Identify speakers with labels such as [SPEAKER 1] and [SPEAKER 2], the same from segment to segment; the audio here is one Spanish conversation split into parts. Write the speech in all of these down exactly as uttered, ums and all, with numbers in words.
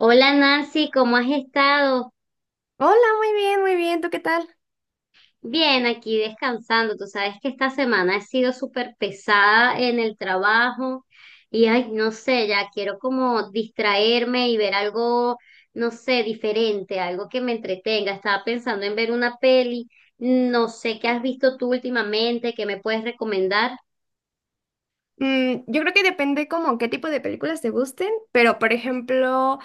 [SPEAKER 1] Hola Nancy, ¿cómo has estado?
[SPEAKER 2] Hola, muy bien, muy bien. ¿Tú qué tal?
[SPEAKER 1] Bien, aquí descansando. Tú sabes que esta semana he sido súper pesada en el trabajo y ay, no sé, ya quiero como distraerme y ver algo, no sé, diferente, algo que me entretenga. Estaba pensando en ver una peli. No sé qué has visto tú últimamente, qué me puedes recomendar.
[SPEAKER 2] Mm, yo creo que depende como qué tipo de películas te gusten, pero por ejemplo,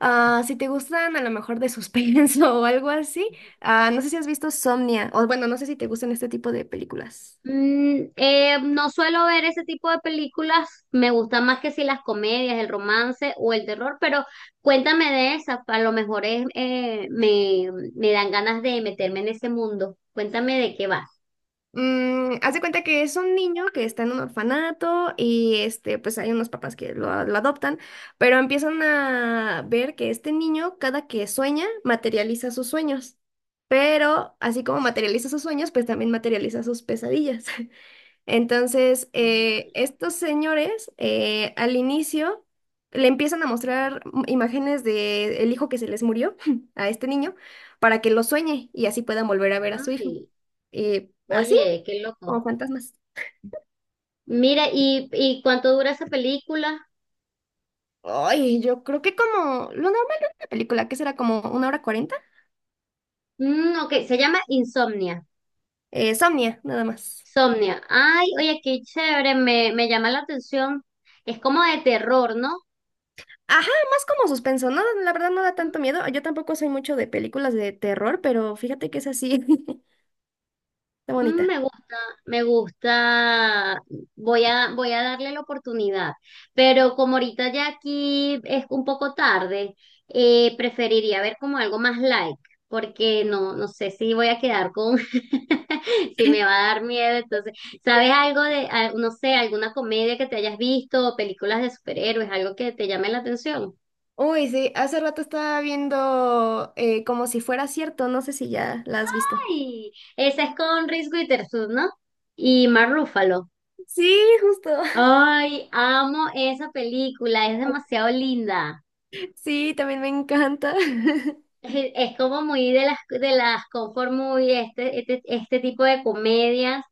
[SPEAKER 2] ah, si te gustan a lo mejor de suspenso o algo así, ah, no sé si has visto Somnia, o bueno, no sé si te gustan este tipo de películas.
[SPEAKER 1] Mm, eh, no suelo ver ese tipo de películas, me gustan más que si las comedias, el romance o el terror, pero cuéntame de esas, a lo mejor es, eh, me, me dan ganas de meterme en ese mundo. Cuéntame de qué va.
[SPEAKER 2] Mm, haz de cuenta que es un niño que está en un orfanato y este, pues hay unos papás que lo, lo adoptan, pero empiezan a ver que este niño, cada que sueña, materializa sus sueños. Pero así como materializa sus sueños, pues también materializa sus pesadillas. Entonces, eh,
[SPEAKER 1] Ay,
[SPEAKER 2] estos señores eh, al inicio le empiezan a mostrar mm, imágenes de el hijo que se les murió a este niño para que lo sueñe y así puedan volver a ver a su hijo.
[SPEAKER 1] ay,
[SPEAKER 2] Y así.
[SPEAKER 1] oye, qué
[SPEAKER 2] O
[SPEAKER 1] loco.
[SPEAKER 2] fantasmas.
[SPEAKER 1] Mira, ¿y, y cuánto dura esa película?
[SPEAKER 2] Ay, yo creo que como lo normal de una película, que será como una hora cuarenta.
[SPEAKER 1] Mm, ok, se llama Insomnia.
[SPEAKER 2] Eh, Somnia, nada más.
[SPEAKER 1] Insomnia. Ay, oye, qué chévere, me, me llama la atención. Es como de terror, ¿no?
[SPEAKER 2] Ajá, más como suspenso, ¿no? La verdad no da tanto miedo. Yo tampoco soy mucho de películas de terror, pero fíjate que es así. Está
[SPEAKER 1] Mm,
[SPEAKER 2] bonita.
[SPEAKER 1] me gusta, me gusta, voy a, voy a darle la oportunidad, pero como ahorita ya aquí es un poco tarde, eh, preferiría ver como algo más light porque no, no sé si voy a quedar con, si me va a dar miedo, entonces, ¿sabes algo de, al- no sé, alguna comedia que te hayas visto, o películas de superhéroes, algo que te llame la atención?
[SPEAKER 2] Uy, sí, hace rato estaba viendo eh, como si fuera cierto, no sé si ya la has visto.
[SPEAKER 1] Ay, esa es con Reese Witherspoon, ¿no? Y Mark Ruffalo.
[SPEAKER 2] Sí, justo.
[SPEAKER 1] Ay, amo esa película, es demasiado linda.
[SPEAKER 2] Sí, también me encanta.
[SPEAKER 1] Es, es como muy de las de las comfort movie, este, este, este tipo de comedias.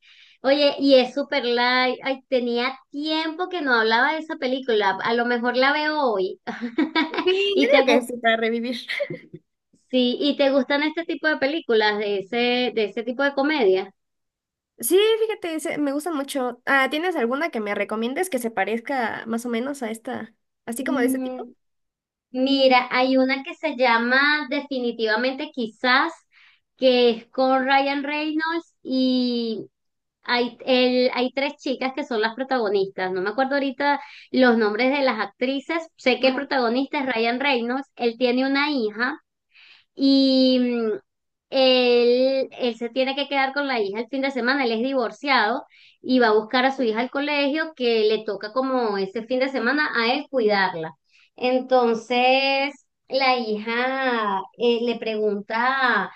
[SPEAKER 1] Oye, y es super light. Ay, tenía tiempo que no hablaba de esa película. A lo mejor la veo hoy.
[SPEAKER 2] Sí,
[SPEAKER 1] ¿Y
[SPEAKER 2] yo
[SPEAKER 1] te
[SPEAKER 2] digo que
[SPEAKER 1] gus-
[SPEAKER 2] sí, para revivir.
[SPEAKER 1] sí, y te gustan este tipo de películas de ese, de ese tipo de comedia?
[SPEAKER 2] Sí, fíjate, se- me gusta mucho. Ah, ¿tienes alguna que me recomiendes que se parezca más o menos a esta, así como de ese tipo?
[SPEAKER 1] Mira, hay una que se llama Definitivamente Quizás, que es con Ryan Reynolds y hay, el- hay tres chicas que son las protagonistas. No me acuerdo ahorita los nombres de las actrices. Sé que el
[SPEAKER 2] Ajá.
[SPEAKER 1] protagonista es Ryan Reynolds. Él tiene una hija y mm, él, él se tiene que quedar con la hija el fin de semana, él es divorciado y va a buscar a su hija al colegio que le toca como ese fin de semana a él cuidarla. Entonces, la hija eh, le pregunta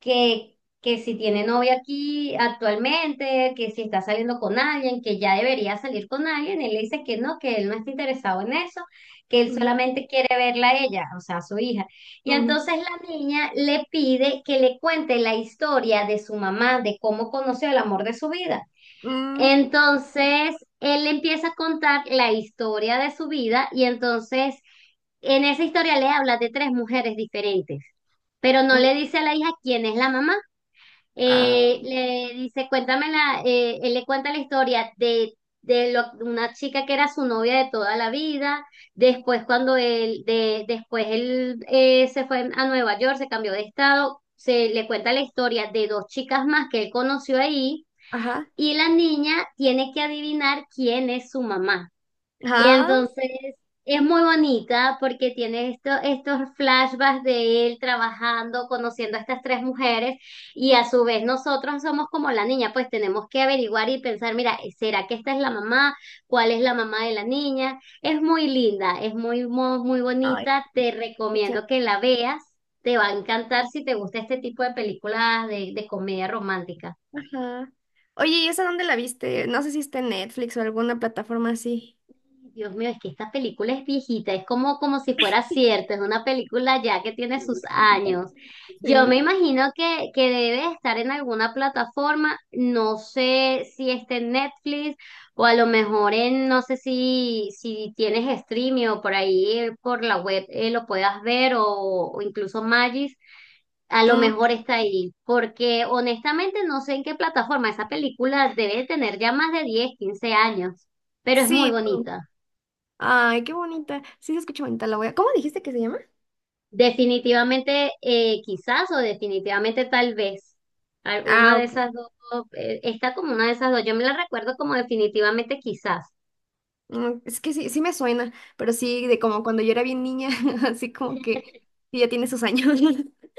[SPEAKER 1] que, que si tiene novia aquí actualmente, que si está saliendo con alguien, que ya debería salir con alguien. Él le dice que no, que él no está interesado en eso, que él
[SPEAKER 2] Mm,
[SPEAKER 1] solamente quiere verla a ella, o sea, a su hija. Y
[SPEAKER 2] mm,
[SPEAKER 1] entonces la niña le pide que le cuente la historia de su mamá, de cómo conoció el amor de su vida.
[SPEAKER 2] mm,
[SPEAKER 1] Entonces él le empieza a contar la historia de su vida y entonces en esa historia le habla de tres mujeres diferentes, pero no
[SPEAKER 2] mm,
[SPEAKER 1] le dice a la hija quién es la mamá.
[SPEAKER 2] ah,
[SPEAKER 1] Eh, le dice, cuéntame la, eh, él le cuenta la historia de, de lo- una chica que era su novia de toda la vida. Después, cuando él, de, después él eh, se fue a Nueva York, se cambió de estado, se le cuenta la historia de dos chicas más que él conoció ahí,
[SPEAKER 2] ajá.
[SPEAKER 1] y la niña tiene que adivinar quién es su mamá. Y
[SPEAKER 2] Ajá.
[SPEAKER 1] entonces es
[SPEAKER 2] Sí,
[SPEAKER 1] muy bonita porque tiene esto, estos flashbacks de él trabajando, conociendo a estas tres mujeres y a su vez nosotros somos como la niña, pues tenemos que averiguar y pensar, mira, ¿será que esta es la mamá? ¿Cuál es la mamá de la niña? Es muy linda, es muy, muy, muy
[SPEAKER 2] ay,
[SPEAKER 1] bonita, te
[SPEAKER 2] escucha,
[SPEAKER 1] recomiendo que la veas, te va a encantar si te gusta este tipo de películas de, de comedia romántica.
[SPEAKER 2] ajá. Oye, ¿y esa dónde la viste? No sé si está en Netflix o alguna plataforma así.
[SPEAKER 1] Dios mío, es que esta película es viejita, es como, como si fuera cierta, es una película ya que tiene sus
[SPEAKER 2] Bonita.
[SPEAKER 1] años. Yo me
[SPEAKER 2] Sí.
[SPEAKER 1] imagino que, que debe estar en alguna plataforma, no sé si está en Netflix o a lo mejor en, no sé si, si tienes streaming o por ahí eh, por la web eh, lo puedas ver o, o incluso Magis, a lo
[SPEAKER 2] Mm,
[SPEAKER 1] mejor está ahí, porque honestamente no sé en qué plataforma, esa película debe tener ya más de diez quince años, pero es muy
[SPEAKER 2] sí. No.
[SPEAKER 1] bonita.
[SPEAKER 2] Ay, qué bonita. Sí, se escucha bonita. La voy a... ¿Cómo dijiste que se llama?
[SPEAKER 1] Definitivamente, eh, quizás o definitivamente tal vez. Al- Una
[SPEAKER 2] Ah,
[SPEAKER 1] de
[SPEAKER 2] ok.
[SPEAKER 1] esas dos, eh, está como una de esas dos. Yo me la recuerdo como definitivamente quizás.
[SPEAKER 2] Mm, es que sí, sí me suena, pero sí, de como cuando yo era bien niña, así como que sí, ya tiene sus años.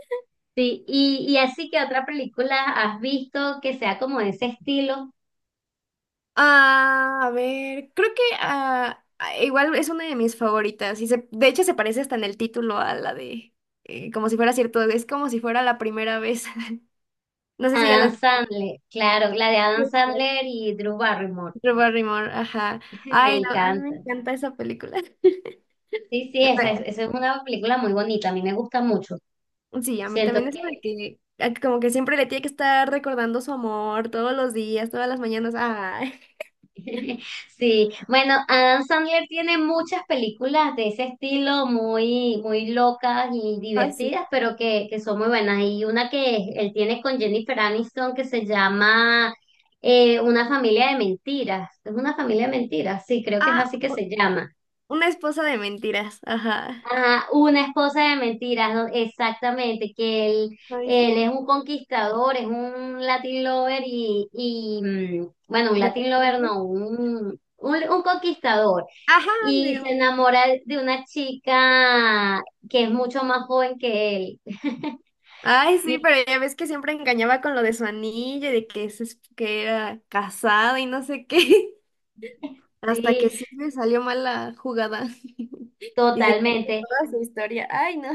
[SPEAKER 1] Sí, y, y así que otra película has visto que sea como de ese estilo.
[SPEAKER 2] Ah, a ver, creo que ah, ah, igual es una de mis favoritas. Y se, de hecho se parece hasta en el título a la de eh, como si fuera cierto, es como si fuera la primera vez. No sé si ya
[SPEAKER 1] Adam
[SPEAKER 2] la...
[SPEAKER 1] Sandler, claro, la de Adam Sandler y Drew Barrymore.
[SPEAKER 2] Drew Barrymore, ajá.
[SPEAKER 1] Me
[SPEAKER 2] Ay, no, a mí me
[SPEAKER 1] encanta.
[SPEAKER 2] encanta esa película.
[SPEAKER 1] Sí, sí, esa es, esa es una película muy bonita, a mí me gusta mucho.
[SPEAKER 2] Sí, a mí también
[SPEAKER 1] Siento
[SPEAKER 2] eso de
[SPEAKER 1] que
[SPEAKER 2] que a como que siempre le tiene que estar recordando su amor todos los días, todas las mañanas. Ay,
[SPEAKER 1] Sí, bueno, Adam Sandler tiene muchas películas de ese estilo muy, muy locas y
[SPEAKER 2] así.
[SPEAKER 1] divertidas, pero que, que son muy buenas. Y una que él tiene con Jennifer Aniston que se llama eh, Una familia de mentiras. Es una familia de mentiras, sí, creo que es
[SPEAKER 2] Ah,
[SPEAKER 1] así que
[SPEAKER 2] u-
[SPEAKER 1] se llama.
[SPEAKER 2] una esposa de mentiras. Ajá.
[SPEAKER 1] Ajá, una esposa de mentiras, ¿no? Exactamente, que él,
[SPEAKER 2] Ay,
[SPEAKER 1] él
[SPEAKER 2] sí.
[SPEAKER 1] es un conquistador, es un Latin lover y, y mm, bueno, un
[SPEAKER 2] De
[SPEAKER 1] Latin lover
[SPEAKER 2] repente.
[SPEAKER 1] no, un, un, un conquistador.
[SPEAKER 2] Ajá,
[SPEAKER 1] Y
[SPEAKER 2] digo.
[SPEAKER 1] se enamora de una chica que es mucho más joven que él.
[SPEAKER 2] Ay, sí,
[SPEAKER 1] Y
[SPEAKER 2] pero ya ves que siempre engañaba con lo de su anillo y de que, se, es que era casado y no sé qué. Hasta que
[SPEAKER 1] sí,
[SPEAKER 2] sí me salió mal la jugada. Y se quedó
[SPEAKER 1] totalmente.
[SPEAKER 2] toda su historia. Ay, no.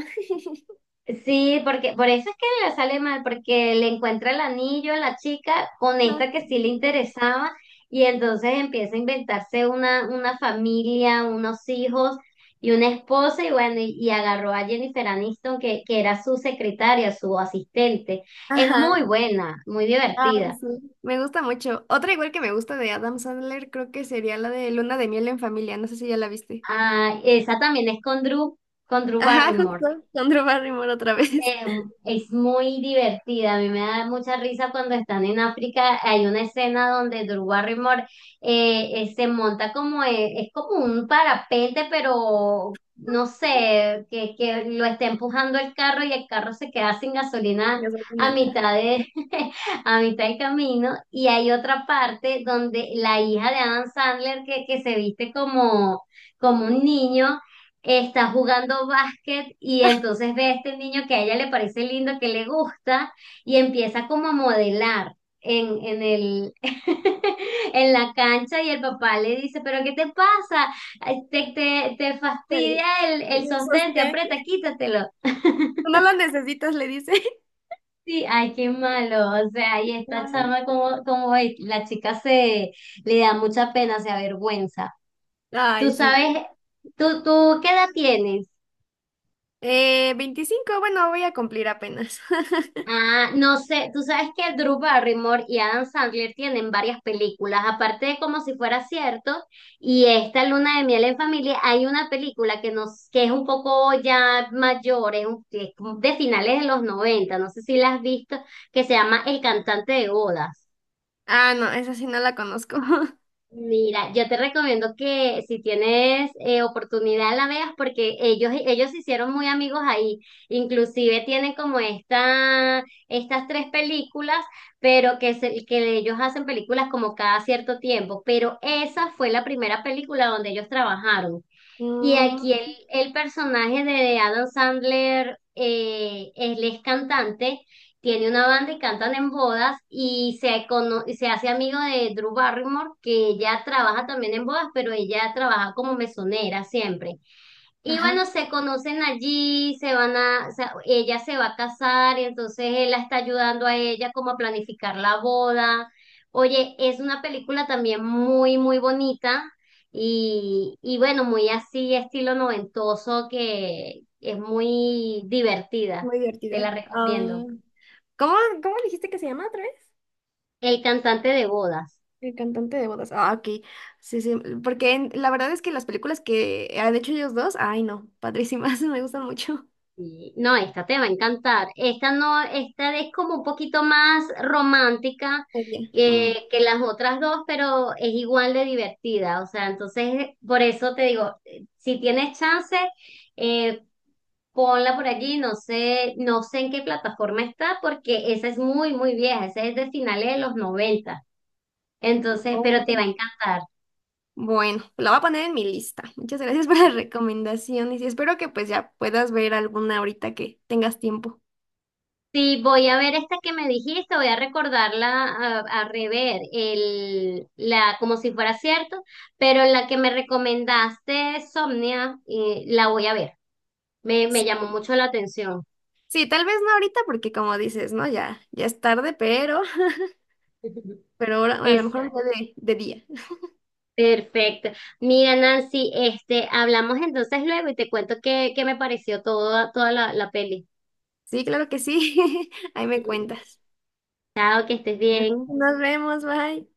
[SPEAKER 1] Sí, porque por eso es que le sale mal, porque le encuentra el anillo a la chica con
[SPEAKER 2] Ay,
[SPEAKER 1] esta que sí le
[SPEAKER 2] no.
[SPEAKER 1] interesaba y entonces empieza a inventarse una, una familia, unos hijos y una esposa y bueno, y, y agarró a Jennifer Aniston que, que era su secretaria, su asistente. Es
[SPEAKER 2] Ajá.
[SPEAKER 1] muy buena, muy
[SPEAKER 2] Ah,
[SPEAKER 1] divertida.
[SPEAKER 2] sí. Me gusta mucho. Otra igual que me gusta de Adam Sandler, creo que sería la de Luna de miel en familia. No sé si ya la viste.
[SPEAKER 1] Ah, esa también es con Drew, con Drew
[SPEAKER 2] Ajá,
[SPEAKER 1] Barrymore.
[SPEAKER 2] justo. Con Drew Barrymore otra vez.
[SPEAKER 1] Eh, es muy divertida, a mí me da mucha risa cuando están en África, hay una escena donde Drew Barrymore eh, eh, se monta como, eh, es como un parapente, pero no sé, que, que lo está empujando el carro y el carro se queda sin gasolina
[SPEAKER 2] Ya
[SPEAKER 1] a
[SPEAKER 2] una- ah,
[SPEAKER 1] mitad de, a mitad del camino, y hay otra parte donde la hija de Adam Sandler que, que se viste como, como un niño está jugando básquet y entonces ve a este niño que a ella le parece lindo, que le gusta y empieza como a modelar en, en el, en la cancha y el papá le dice, pero ¿qué te pasa? Ay, Te, te, te
[SPEAKER 2] pero-
[SPEAKER 1] fastidia el, el sostén, te
[SPEAKER 2] sostén.
[SPEAKER 1] aprieta, quítatelo.
[SPEAKER 2] No la necesitas, le dice.
[SPEAKER 1] Sí, ay, qué malo. O sea, y esta
[SPEAKER 2] Ay,
[SPEAKER 1] chama como, como es, la chica se le da mucha pena, se avergüenza. Tú
[SPEAKER 2] ay, sí.
[SPEAKER 1] sabes, tú, tú, ¿qué edad tienes?
[SPEAKER 2] Eh, veinticinco bueno, voy a cumplir apenas.
[SPEAKER 1] Ah, no sé, tú sabes que Drew Barrymore y Adam Sandler tienen varias películas, aparte de Como si fuera cierto, y esta Luna de miel en familia, hay una película que nos, que es un poco ya mayor, es, un- es de finales de los noventa. No sé si la has visto, que se llama El cantante de bodas.
[SPEAKER 2] Ah, no, esa sí no la conozco.
[SPEAKER 1] Mira, yo te recomiendo que si tienes eh, oportunidad la veas porque ellos, ellos se hicieron muy amigos ahí. Inclusive tienen como esta, estas tres películas, pero que, se- que ellos hacen películas como cada cierto tiempo. Pero esa fue la primera película donde ellos trabajaron. Y
[SPEAKER 2] Mm,
[SPEAKER 1] aquí el, el personaje de Adam Sandler, eh, él es cantante, tiene una banda y cantan en bodas y se, cono- y se hace amigo de Drew Barrymore, que ella trabaja también en bodas, pero ella trabaja como mesonera siempre. Y
[SPEAKER 2] ajá,
[SPEAKER 1] bueno, se conocen allí, se van a, o sea, ella se va a casar, y entonces él la está ayudando a ella como a planificar la boda. Oye, es una película también muy, muy bonita y, y bueno, muy así, estilo noventoso, que es muy divertida.
[SPEAKER 2] muy
[SPEAKER 1] Te la
[SPEAKER 2] divertida. Ah,
[SPEAKER 1] recomiendo.
[SPEAKER 2] ¿cómo, cómo dijiste que se llama otra vez?
[SPEAKER 1] El cantante de bodas.
[SPEAKER 2] El cantante de bodas. Ah, ok. Sí, sí. Porque en- la verdad es que las películas que han hecho ellos dos, ay no, padrísimas, me gustan mucho.
[SPEAKER 1] Y, no, esta te va a encantar. Esta no, esta es como un poquito más romántica
[SPEAKER 2] Ah, ya. Mm.
[SPEAKER 1] que, que las otras dos, pero es igual de divertida. O sea, entonces, por eso te digo, eh, si tienes chance, eh, ponla por allí. No sé, no sé en qué plataforma está, porque esa es muy, muy vieja. Esa es de finales de los noventa. Entonces, pero te va a
[SPEAKER 2] Oh.
[SPEAKER 1] encantar.
[SPEAKER 2] Bueno, la voy a poner en mi lista. Muchas gracias por las recomendaciones y sí, espero que pues ya puedas ver alguna ahorita que tengas tiempo.
[SPEAKER 1] Sí, voy a ver esta que me dijiste, voy a recordarla, a, a rever el, la, como si fuera cierto, pero la que me recomendaste, Somnia, eh, la voy a ver. Me, me
[SPEAKER 2] Sí.
[SPEAKER 1] llamó mucho la atención.
[SPEAKER 2] Sí, tal vez no ahorita porque como dices, ¿no? Ya, ya es tarde, pero, pero ahora, a lo mejor
[SPEAKER 1] Exacto.
[SPEAKER 2] un día de, de día.
[SPEAKER 1] Perfecto. Mira, Nancy, este, hablamos entonces luego y te cuento qué, qué me pareció toda, toda la, la peli.
[SPEAKER 2] Sí, claro que sí. Ahí me cuentas.
[SPEAKER 1] Chao, que estés
[SPEAKER 2] Bueno,
[SPEAKER 1] bien.
[SPEAKER 2] nos vemos, bye.